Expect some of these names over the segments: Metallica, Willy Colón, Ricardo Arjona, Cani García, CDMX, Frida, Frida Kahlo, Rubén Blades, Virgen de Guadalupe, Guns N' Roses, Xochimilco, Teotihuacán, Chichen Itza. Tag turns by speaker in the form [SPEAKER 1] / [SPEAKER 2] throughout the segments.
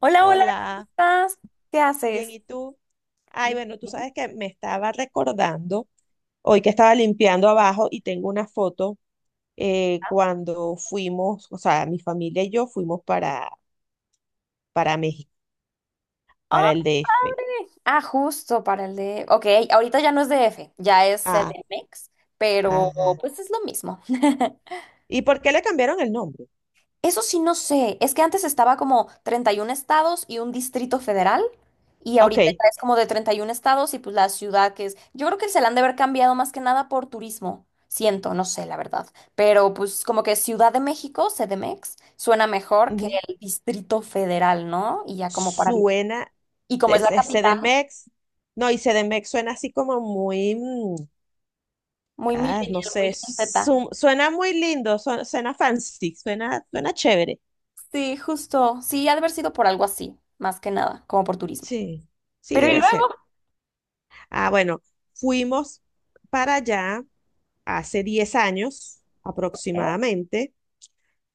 [SPEAKER 1] Hola, hola, ¿cómo
[SPEAKER 2] Hola,
[SPEAKER 1] estás? ¿Qué
[SPEAKER 2] bien,
[SPEAKER 1] haces?
[SPEAKER 2] ¿y tú? Ay,
[SPEAKER 1] Bien,
[SPEAKER 2] bueno, tú
[SPEAKER 1] bien.
[SPEAKER 2] sabes que me estaba recordando hoy que estaba limpiando abajo y tengo una foto cuando fuimos, o sea, mi familia y yo fuimos para México,
[SPEAKER 1] Ah,
[SPEAKER 2] para el DF.
[SPEAKER 1] ¡padre! Ah, justo para Ok, ahorita ya no es DF, ya es
[SPEAKER 2] Ah,
[SPEAKER 1] CDMX, pero
[SPEAKER 2] ajá.
[SPEAKER 1] pues es lo mismo.
[SPEAKER 2] ¿Y por qué le cambiaron el nombre?
[SPEAKER 1] Eso sí no sé, es que antes estaba como 31 estados y un distrito federal y
[SPEAKER 2] Ah,
[SPEAKER 1] ahorita
[SPEAKER 2] ok,
[SPEAKER 1] ya es como de 31 estados y pues la ciudad que es, yo creo que se la han de haber cambiado más que nada por turismo, siento, no sé la verdad, pero pues como que Ciudad de México, CDMX, suena mejor que
[SPEAKER 2] ujú.
[SPEAKER 1] el distrito federal, ¿no? Y ya como para...
[SPEAKER 2] Suena,
[SPEAKER 1] Y como es la
[SPEAKER 2] es
[SPEAKER 1] capital,
[SPEAKER 2] CDMX. No, y CDMX suena así como muy,
[SPEAKER 1] muy
[SPEAKER 2] ah, no
[SPEAKER 1] millennial, muy
[SPEAKER 2] sé,
[SPEAKER 1] Gen Z.
[SPEAKER 2] suena muy lindo, suena fancy, suena chévere.
[SPEAKER 1] Sí, justo, sí, ha de haber sido por algo así, más que nada, como por turismo.
[SPEAKER 2] Sí, sí,
[SPEAKER 1] Pero y
[SPEAKER 2] debe ser.
[SPEAKER 1] luego...
[SPEAKER 2] Ah, bueno, fuimos para allá hace 10 años aproximadamente.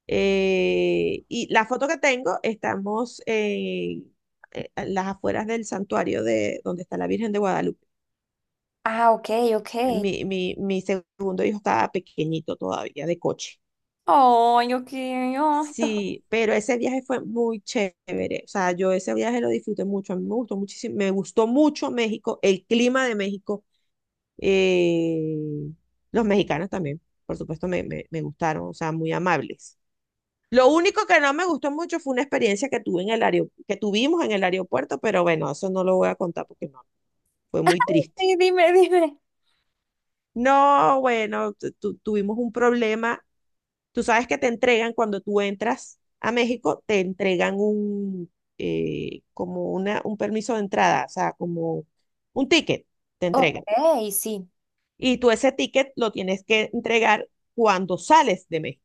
[SPEAKER 2] Y la foto que tengo, estamos en, a las afueras del santuario de donde está la Virgen de Guadalupe.
[SPEAKER 1] Ah, ok, ok.
[SPEAKER 2] Mi segundo hijo estaba pequeñito todavía, de coche.
[SPEAKER 1] Ay, ok, ay,
[SPEAKER 2] Sí, pero ese viaje fue muy chévere. O sea, yo ese viaje lo disfruté mucho. A mí me gustó muchísimo, me gustó mucho México, el clima de México. Eh, los mexicanos también, por supuesto, me gustaron, o sea, muy amables. Lo único que no me gustó mucho fue una experiencia que tuvimos en el aeropuerto, pero bueno, eso no lo voy a contar porque no, fue muy triste.
[SPEAKER 1] sí, dime, dime.
[SPEAKER 2] No, bueno, tuvimos un problema. Tú sabes que te entregan cuando tú entras a México, te entregan un, como un permiso de entrada, o sea, como un ticket, te
[SPEAKER 1] Ok,
[SPEAKER 2] entregan.
[SPEAKER 1] sí.
[SPEAKER 2] Y tú ese ticket lo tienes que entregar cuando sales de México.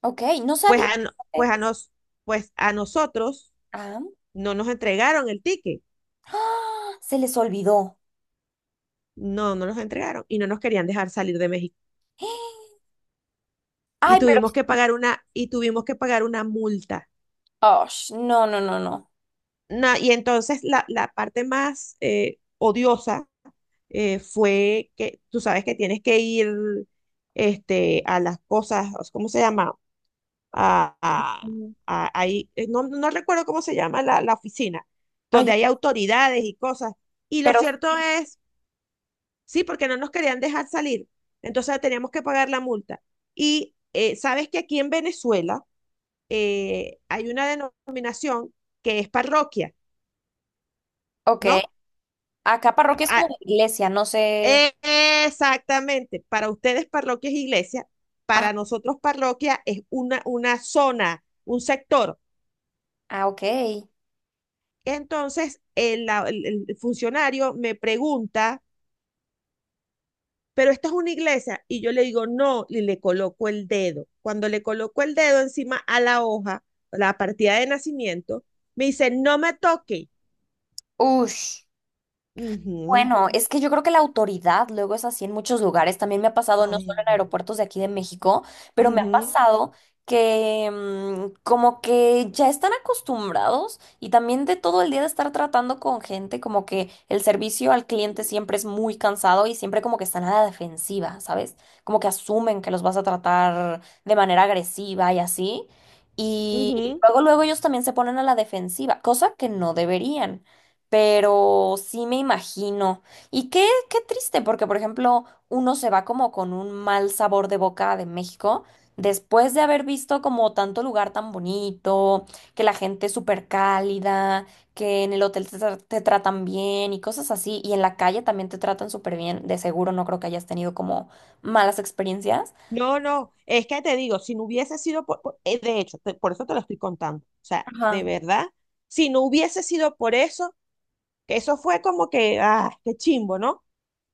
[SPEAKER 1] Ok, no
[SPEAKER 2] Pues
[SPEAKER 1] sabía.
[SPEAKER 2] a, no-
[SPEAKER 1] Eh,
[SPEAKER 2] pues a, nos, pues a nosotros
[SPEAKER 1] Ah,
[SPEAKER 2] no nos entregaron el ticket.
[SPEAKER 1] ¡ah! Se les olvidó.
[SPEAKER 2] No, no nos entregaron y no nos querían dejar salir de México. Y
[SPEAKER 1] Ay, pero
[SPEAKER 2] tuvimos que
[SPEAKER 1] sí.
[SPEAKER 2] pagar una multa.
[SPEAKER 1] Oh, no, no, no, no.
[SPEAKER 2] No, y entonces la parte más odiosa, fue que tú sabes que tienes que ir este, a las cosas. ¿Cómo se llama? a, a-
[SPEAKER 1] Mm.
[SPEAKER 2] ahí, no, no recuerdo cómo se llama la oficina,
[SPEAKER 1] Ay,
[SPEAKER 2] donde hay
[SPEAKER 1] yo...
[SPEAKER 2] autoridades y cosas. Y lo
[SPEAKER 1] pero
[SPEAKER 2] cierto
[SPEAKER 1] sí.
[SPEAKER 2] es, sí, porque no nos querían dejar salir, entonces teníamos que pagar la multa. Y sabes que aquí en Venezuela hay una denominación que es parroquia,
[SPEAKER 1] Ok.
[SPEAKER 2] ¿no?
[SPEAKER 1] Acá parroquia es
[SPEAKER 2] A-
[SPEAKER 1] como iglesia, no sé.
[SPEAKER 2] e- Exactamente, para ustedes parroquia es iglesia,
[SPEAKER 1] Ah,
[SPEAKER 2] para nosotros parroquia es una zona, un sector.
[SPEAKER 1] ah, ok.
[SPEAKER 2] Entonces, el funcionario me pregunta, ¿pero esta es una iglesia? Y yo le digo, no, y le coloco el dedo. Cuando le coloco el dedo encima a la hoja, la partida de nacimiento, me dice, no me toque.
[SPEAKER 1] Ush.
[SPEAKER 2] Ujú.
[SPEAKER 1] Bueno, es que yo creo que la autoridad luego es así en muchos lugares. También me ha pasado, no
[SPEAKER 2] Ay,
[SPEAKER 1] solo en
[SPEAKER 2] no.
[SPEAKER 1] aeropuertos de aquí de México, pero me ha
[SPEAKER 2] Ujú,
[SPEAKER 1] pasado que como que ya están acostumbrados y también de todo el día de estar tratando con gente, como que el servicio al cliente siempre es muy cansado y siempre como que están a la defensiva, ¿sabes? Como que asumen que los vas a tratar de manera agresiva y así. Y
[SPEAKER 2] ujú.
[SPEAKER 1] luego, luego ellos también se ponen a la defensiva, cosa que no deberían, pero sí me imagino. Y qué, qué triste, porque por ejemplo, uno se va como con un mal sabor de boca de México después de haber visto como tanto lugar tan bonito, que la gente es súper cálida, que en el hotel te, te tratan bien y cosas así, y en la calle también te tratan súper bien. De seguro no creo que hayas tenido como malas experiencias.
[SPEAKER 2] No, no, es que te digo, si no hubiese sido de hecho, por eso te lo estoy contando. O sea, de
[SPEAKER 1] Ajá.
[SPEAKER 2] verdad, si no hubiese sido por eso, que eso fue como que, ah, qué chimbo, ¿no?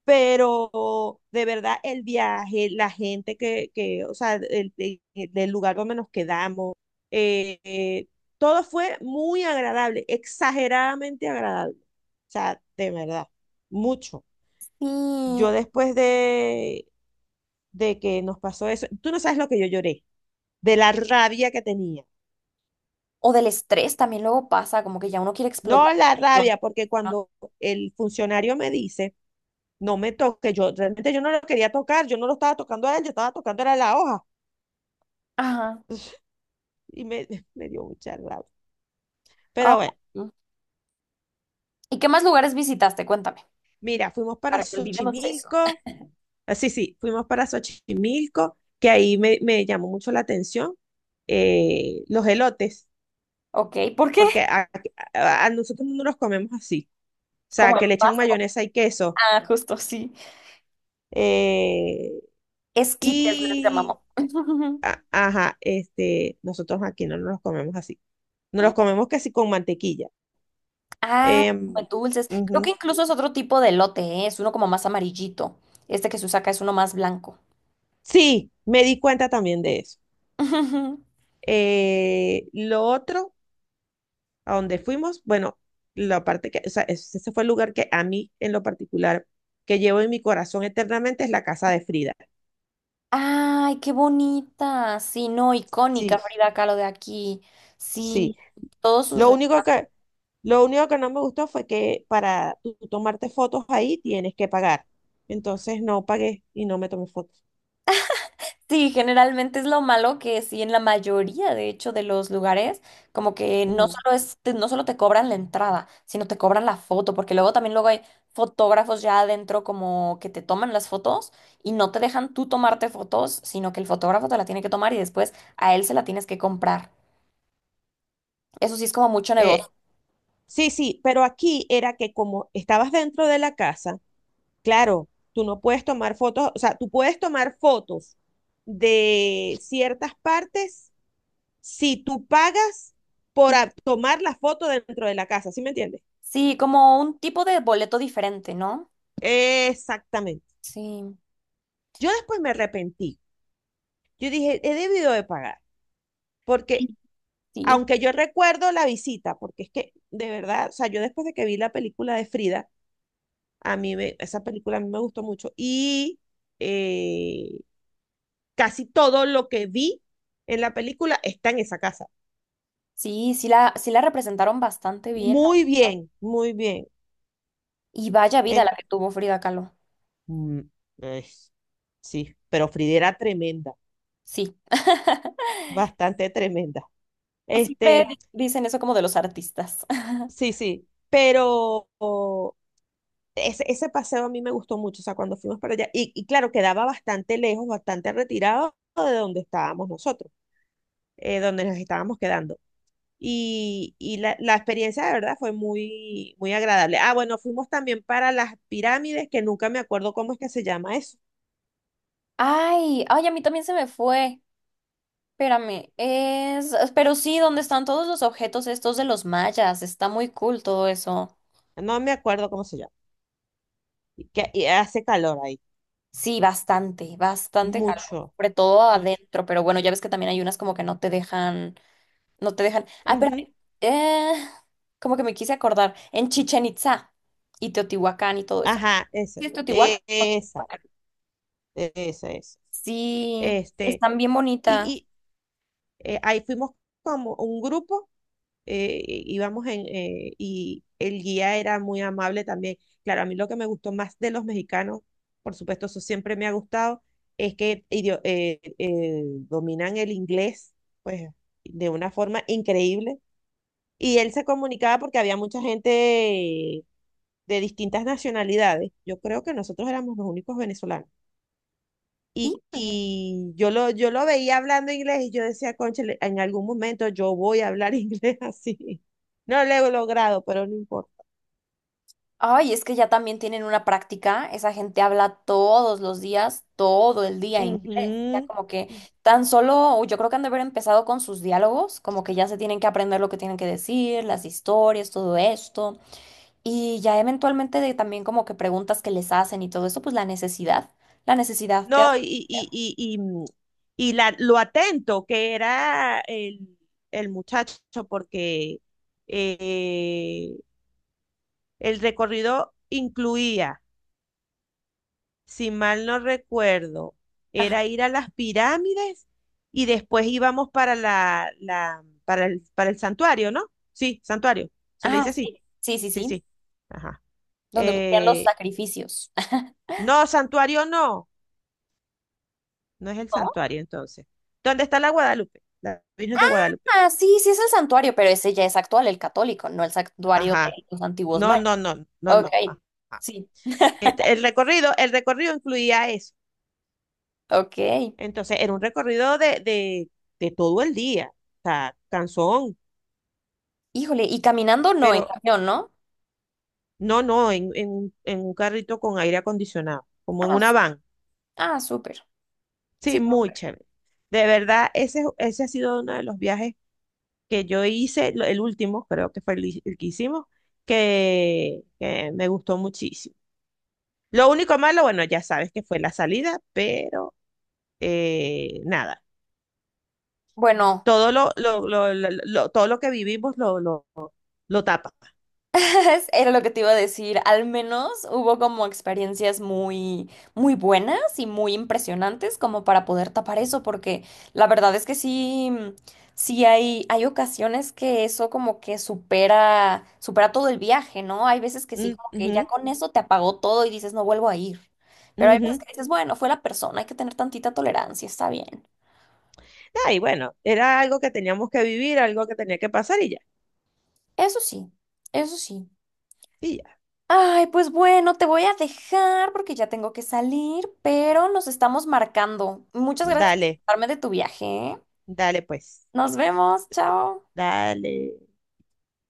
[SPEAKER 2] Pero de verdad el viaje, la gente que o sea, del lugar donde nos quedamos, eh, eh, todo fue muy agradable, exageradamente agradable. O sea, de verdad, mucho.
[SPEAKER 1] Sí.
[SPEAKER 2] Yo después de que nos pasó eso, tú no sabes lo que yo lloré, de la rabia que tenía.
[SPEAKER 1] O del estrés también luego pasa, como que ya uno quiere explotar.
[SPEAKER 2] No la
[SPEAKER 1] No.
[SPEAKER 2] rabia, porque cuando el funcionario me dice, no me toque, yo realmente yo no lo quería tocar, yo no lo estaba tocando a él, yo estaba tocando era la hoja.
[SPEAKER 1] Ajá.
[SPEAKER 2] Y me, me dio mucha rabia.
[SPEAKER 1] Ah,
[SPEAKER 2] Pero bueno,
[SPEAKER 1] ¿y qué más lugares visitaste? Cuéntame,
[SPEAKER 2] mira, fuimos para
[SPEAKER 1] para que olvidemos eso.
[SPEAKER 2] Xochimilco. Ah, sí, sí, fuimos para Xochimilco, que ahí me llamó mucho la atención los elotes,
[SPEAKER 1] Ok, ¿por qué?
[SPEAKER 2] porque a nosotros no los comemos así, o
[SPEAKER 1] Como
[SPEAKER 2] sea,
[SPEAKER 1] el
[SPEAKER 2] que le echan
[SPEAKER 1] más.
[SPEAKER 2] mayonesa y queso.
[SPEAKER 1] Ah, justo, sí.
[SPEAKER 2] eh,
[SPEAKER 1] Esquites les
[SPEAKER 2] y,
[SPEAKER 1] llamamos.
[SPEAKER 2] a- ajá, este, nosotros aquí no nos los comemos así, nos los comemos casi con mantequilla.
[SPEAKER 1] Ah, como
[SPEAKER 2] em,
[SPEAKER 1] dulces. Creo que
[SPEAKER 2] Ujú.
[SPEAKER 1] incluso es otro tipo de elote, ¿eh? Es uno como más amarillito. Este que se usa acá es uno más blanco.
[SPEAKER 2] Sí, me di cuenta también de eso. Lo otro, a donde fuimos, bueno, la parte que, o sea, ese fue el lugar que a mí en lo particular, que llevo en mi corazón eternamente, es la casa de Frida.
[SPEAKER 1] Ay, qué bonita. Sí, no, icónica
[SPEAKER 2] Sí,
[SPEAKER 1] Frida Kahlo de aquí.
[SPEAKER 2] sí.
[SPEAKER 1] Sí, todos sus...
[SPEAKER 2] Lo único que, lo único que no me gustó fue que para tú tomarte fotos ahí tienes que pagar. Entonces no pagué y no me tomé fotos.
[SPEAKER 1] Sí, generalmente es lo malo que sí, en la mayoría, de hecho, de los lugares, como que no
[SPEAKER 2] Mm.
[SPEAKER 1] solo es, no solo te cobran la entrada, sino te cobran la foto, porque luego también luego hay fotógrafos ya adentro como que te toman las fotos y no te dejan tú tomarte fotos, sino que el fotógrafo te la tiene que tomar y después a él se la tienes que comprar. Eso sí es como mucho
[SPEAKER 2] Eh,
[SPEAKER 1] negocio.
[SPEAKER 2] sí, sí, pero aquí era que como estabas dentro de la casa. Claro, tú no puedes tomar fotos, o sea, tú puedes tomar fotos de ciertas partes si tú pagas por tomar la foto dentro de la casa, ¿sí me entiendes?
[SPEAKER 1] Sí, como un tipo de boleto diferente, ¿no?
[SPEAKER 2] Exactamente.
[SPEAKER 1] Sí,
[SPEAKER 2] Yo después me arrepentí. Yo dije, he debido de pagar, porque
[SPEAKER 1] sí,
[SPEAKER 2] aunque yo recuerdo la visita, porque es que de verdad, o sea, yo después de que vi la película de Frida, esa película a mí me gustó mucho y eh, casi todo lo que vi en la película está en esa casa.
[SPEAKER 1] sí, la, sí la representaron bastante bien.
[SPEAKER 2] Muy bien, muy bien.
[SPEAKER 1] Y vaya vida
[SPEAKER 2] En-
[SPEAKER 1] la que tuvo Frida Kahlo.
[SPEAKER 2] mm, eh, sí, pero Frida era tremenda,
[SPEAKER 1] Sí.
[SPEAKER 2] bastante tremenda.
[SPEAKER 1] Siempre sí.
[SPEAKER 2] Este,
[SPEAKER 1] Dicen eso como de los artistas.
[SPEAKER 2] sí, sí, pero oh, ese paseo a mí me gustó mucho, o sea, cuando fuimos para allá, y claro, quedaba bastante lejos, bastante retirado de donde estábamos nosotros, donde nos estábamos quedando. Y la experiencia de verdad fue muy, muy agradable. Ah, bueno, fuimos también para las pirámides, que nunca me acuerdo cómo es que se llama eso.
[SPEAKER 1] Ay, ay, a mí también se me fue. Espérame, es... Pero sí, ¿dónde están todos los objetos estos de los mayas? Está muy cool todo eso.
[SPEAKER 2] No me acuerdo cómo se llama. Y que y hace calor ahí.
[SPEAKER 1] Sí, bastante, bastante calor.
[SPEAKER 2] Mucho,
[SPEAKER 1] Sobre todo
[SPEAKER 2] mucho.
[SPEAKER 1] adentro, pero bueno, ya ves que también hay unas como que no te dejan, Ah,
[SPEAKER 2] Ujú.
[SPEAKER 1] espérame. Eh, como que me quise acordar. En Chichen Itza y Teotihuacán y todo eso.
[SPEAKER 2] Ajá, esa.
[SPEAKER 1] ¿Sí es Teotihuacán?
[SPEAKER 2] Esa, esa, esa.
[SPEAKER 1] Sí,
[SPEAKER 2] Este,
[SPEAKER 1] están bien bonitas.
[SPEAKER 2] y, y ahí fuimos como un grupo, íbamos y el guía era muy amable también. Claro, a mí lo que me gustó más de los mexicanos, por supuesto, eso siempre me ha gustado, es que dominan el inglés, pues, de una forma increíble. Y él se comunicaba porque había mucha gente de distintas nacionalidades. Yo creo que nosotros éramos los únicos venezolanos. Y,
[SPEAKER 1] Sí.
[SPEAKER 2] y yo lo veía hablando inglés y yo decía, cónchale. En algún momento yo voy a hablar inglés así. No lo he logrado, pero no importa.
[SPEAKER 1] Ay, es que ya también tienen una práctica, esa gente habla todos los días, todo el día inglés, ya
[SPEAKER 2] Ujú.
[SPEAKER 1] como que tan solo, yo creo que han de haber empezado con sus diálogos, como que ya se tienen que aprender lo que tienen que decir, las historias, todo esto, y ya eventualmente de también como que preguntas que les hacen y todo eso, pues la necesidad, la necesidad, te ha-
[SPEAKER 2] No, lo atento que era el muchacho, porque eh, el recorrido incluía si mal no recuerdo,
[SPEAKER 1] Ajá.
[SPEAKER 2] era ir a las pirámides y después íbamos para para el santuario, ¿no? Sí, santuario, se le
[SPEAKER 1] Ah,
[SPEAKER 2] dice así.
[SPEAKER 1] sí, sí, sí,
[SPEAKER 2] Sí,
[SPEAKER 1] sí,
[SPEAKER 2] sí. Ajá.
[SPEAKER 1] donde ocurrían los
[SPEAKER 2] Eh,
[SPEAKER 1] sacrificios.
[SPEAKER 2] no, santuario no, no es el
[SPEAKER 1] ¿No?
[SPEAKER 2] santuario entonces. ¿Dónde está la Guadalupe? La Virgen de Guadalupe.
[SPEAKER 1] Ah, sí, sí es el santuario, pero ese ya es actual, el católico, no el santuario
[SPEAKER 2] Ajá.
[SPEAKER 1] de los antiguos
[SPEAKER 2] No,
[SPEAKER 1] mayas.
[SPEAKER 2] no, no, no,
[SPEAKER 1] Ok,
[SPEAKER 2] no. Ajá.
[SPEAKER 1] sí,
[SPEAKER 2] El recorrido incluía eso.
[SPEAKER 1] ok.
[SPEAKER 2] Entonces, era un recorrido de todo el día, o sea, cansón,
[SPEAKER 1] Híjole, ¿y caminando no, en
[SPEAKER 2] pero
[SPEAKER 1] camión, no?
[SPEAKER 2] no, no, en un carrito con aire acondicionado, como en
[SPEAKER 1] Ah,
[SPEAKER 2] una van.
[SPEAKER 1] ah, súper.
[SPEAKER 2] Sí,
[SPEAKER 1] Sí,
[SPEAKER 2] muy chévere. De verdad, ese ha sido uno de los viajes que yo hice, el último, creo que fue el que hicimos, que me gustó muchísimo. Lo único malo, bueno, ya sabes que fue la salida, pero nada,
[SPEAKER 1] bueno,
[SPEAKER 2] todo lo que vivimos lo tapa.
[SPEAKER 1] era lo que te iba a decir, al menos hubo como experiencias muy, muy buenas y muy impresionantes como para poder tapar eso, porque la verdad es que sí, sí hay ocasiones que eso como que supera, supera todo el viaje, ¿no? Hay veces que sí,
[SPEAKER 2] Mm,
[SPEAKER 1] como que ya
[SPEAKER 2] ujú,
[SPEAKER 1] con eso te apagó todo y dices, no vuelvo a ir. Pero hay veces
[SPEAKER 2] ujú.
[SPEAKER 1] que dices, bueno, fue la persona, hay que tener tantita tolerancia, está bien.
[SPEAKER 2] Ah, y bueno, era algo que teníamos que vivir, algo que tenía que pasar y ya.
[SPEAKER 1] Eso sí, eso sí.
[SPEAKER 2] Y ya.
[SPEAKER 1] Ay, pues bueno, te voy a dejar porque ya tengo que salir, pero nos estamos marcando. Muchas gracias por
[SPEAKER 2] Dale.
[SPEAKER 1] contarme de tu viaje. ¿Eh?
[SPEAKER 2] Dale pues,
[SPEAKER 1] Nos vemos, chao.
[SPEAKER 2] dale.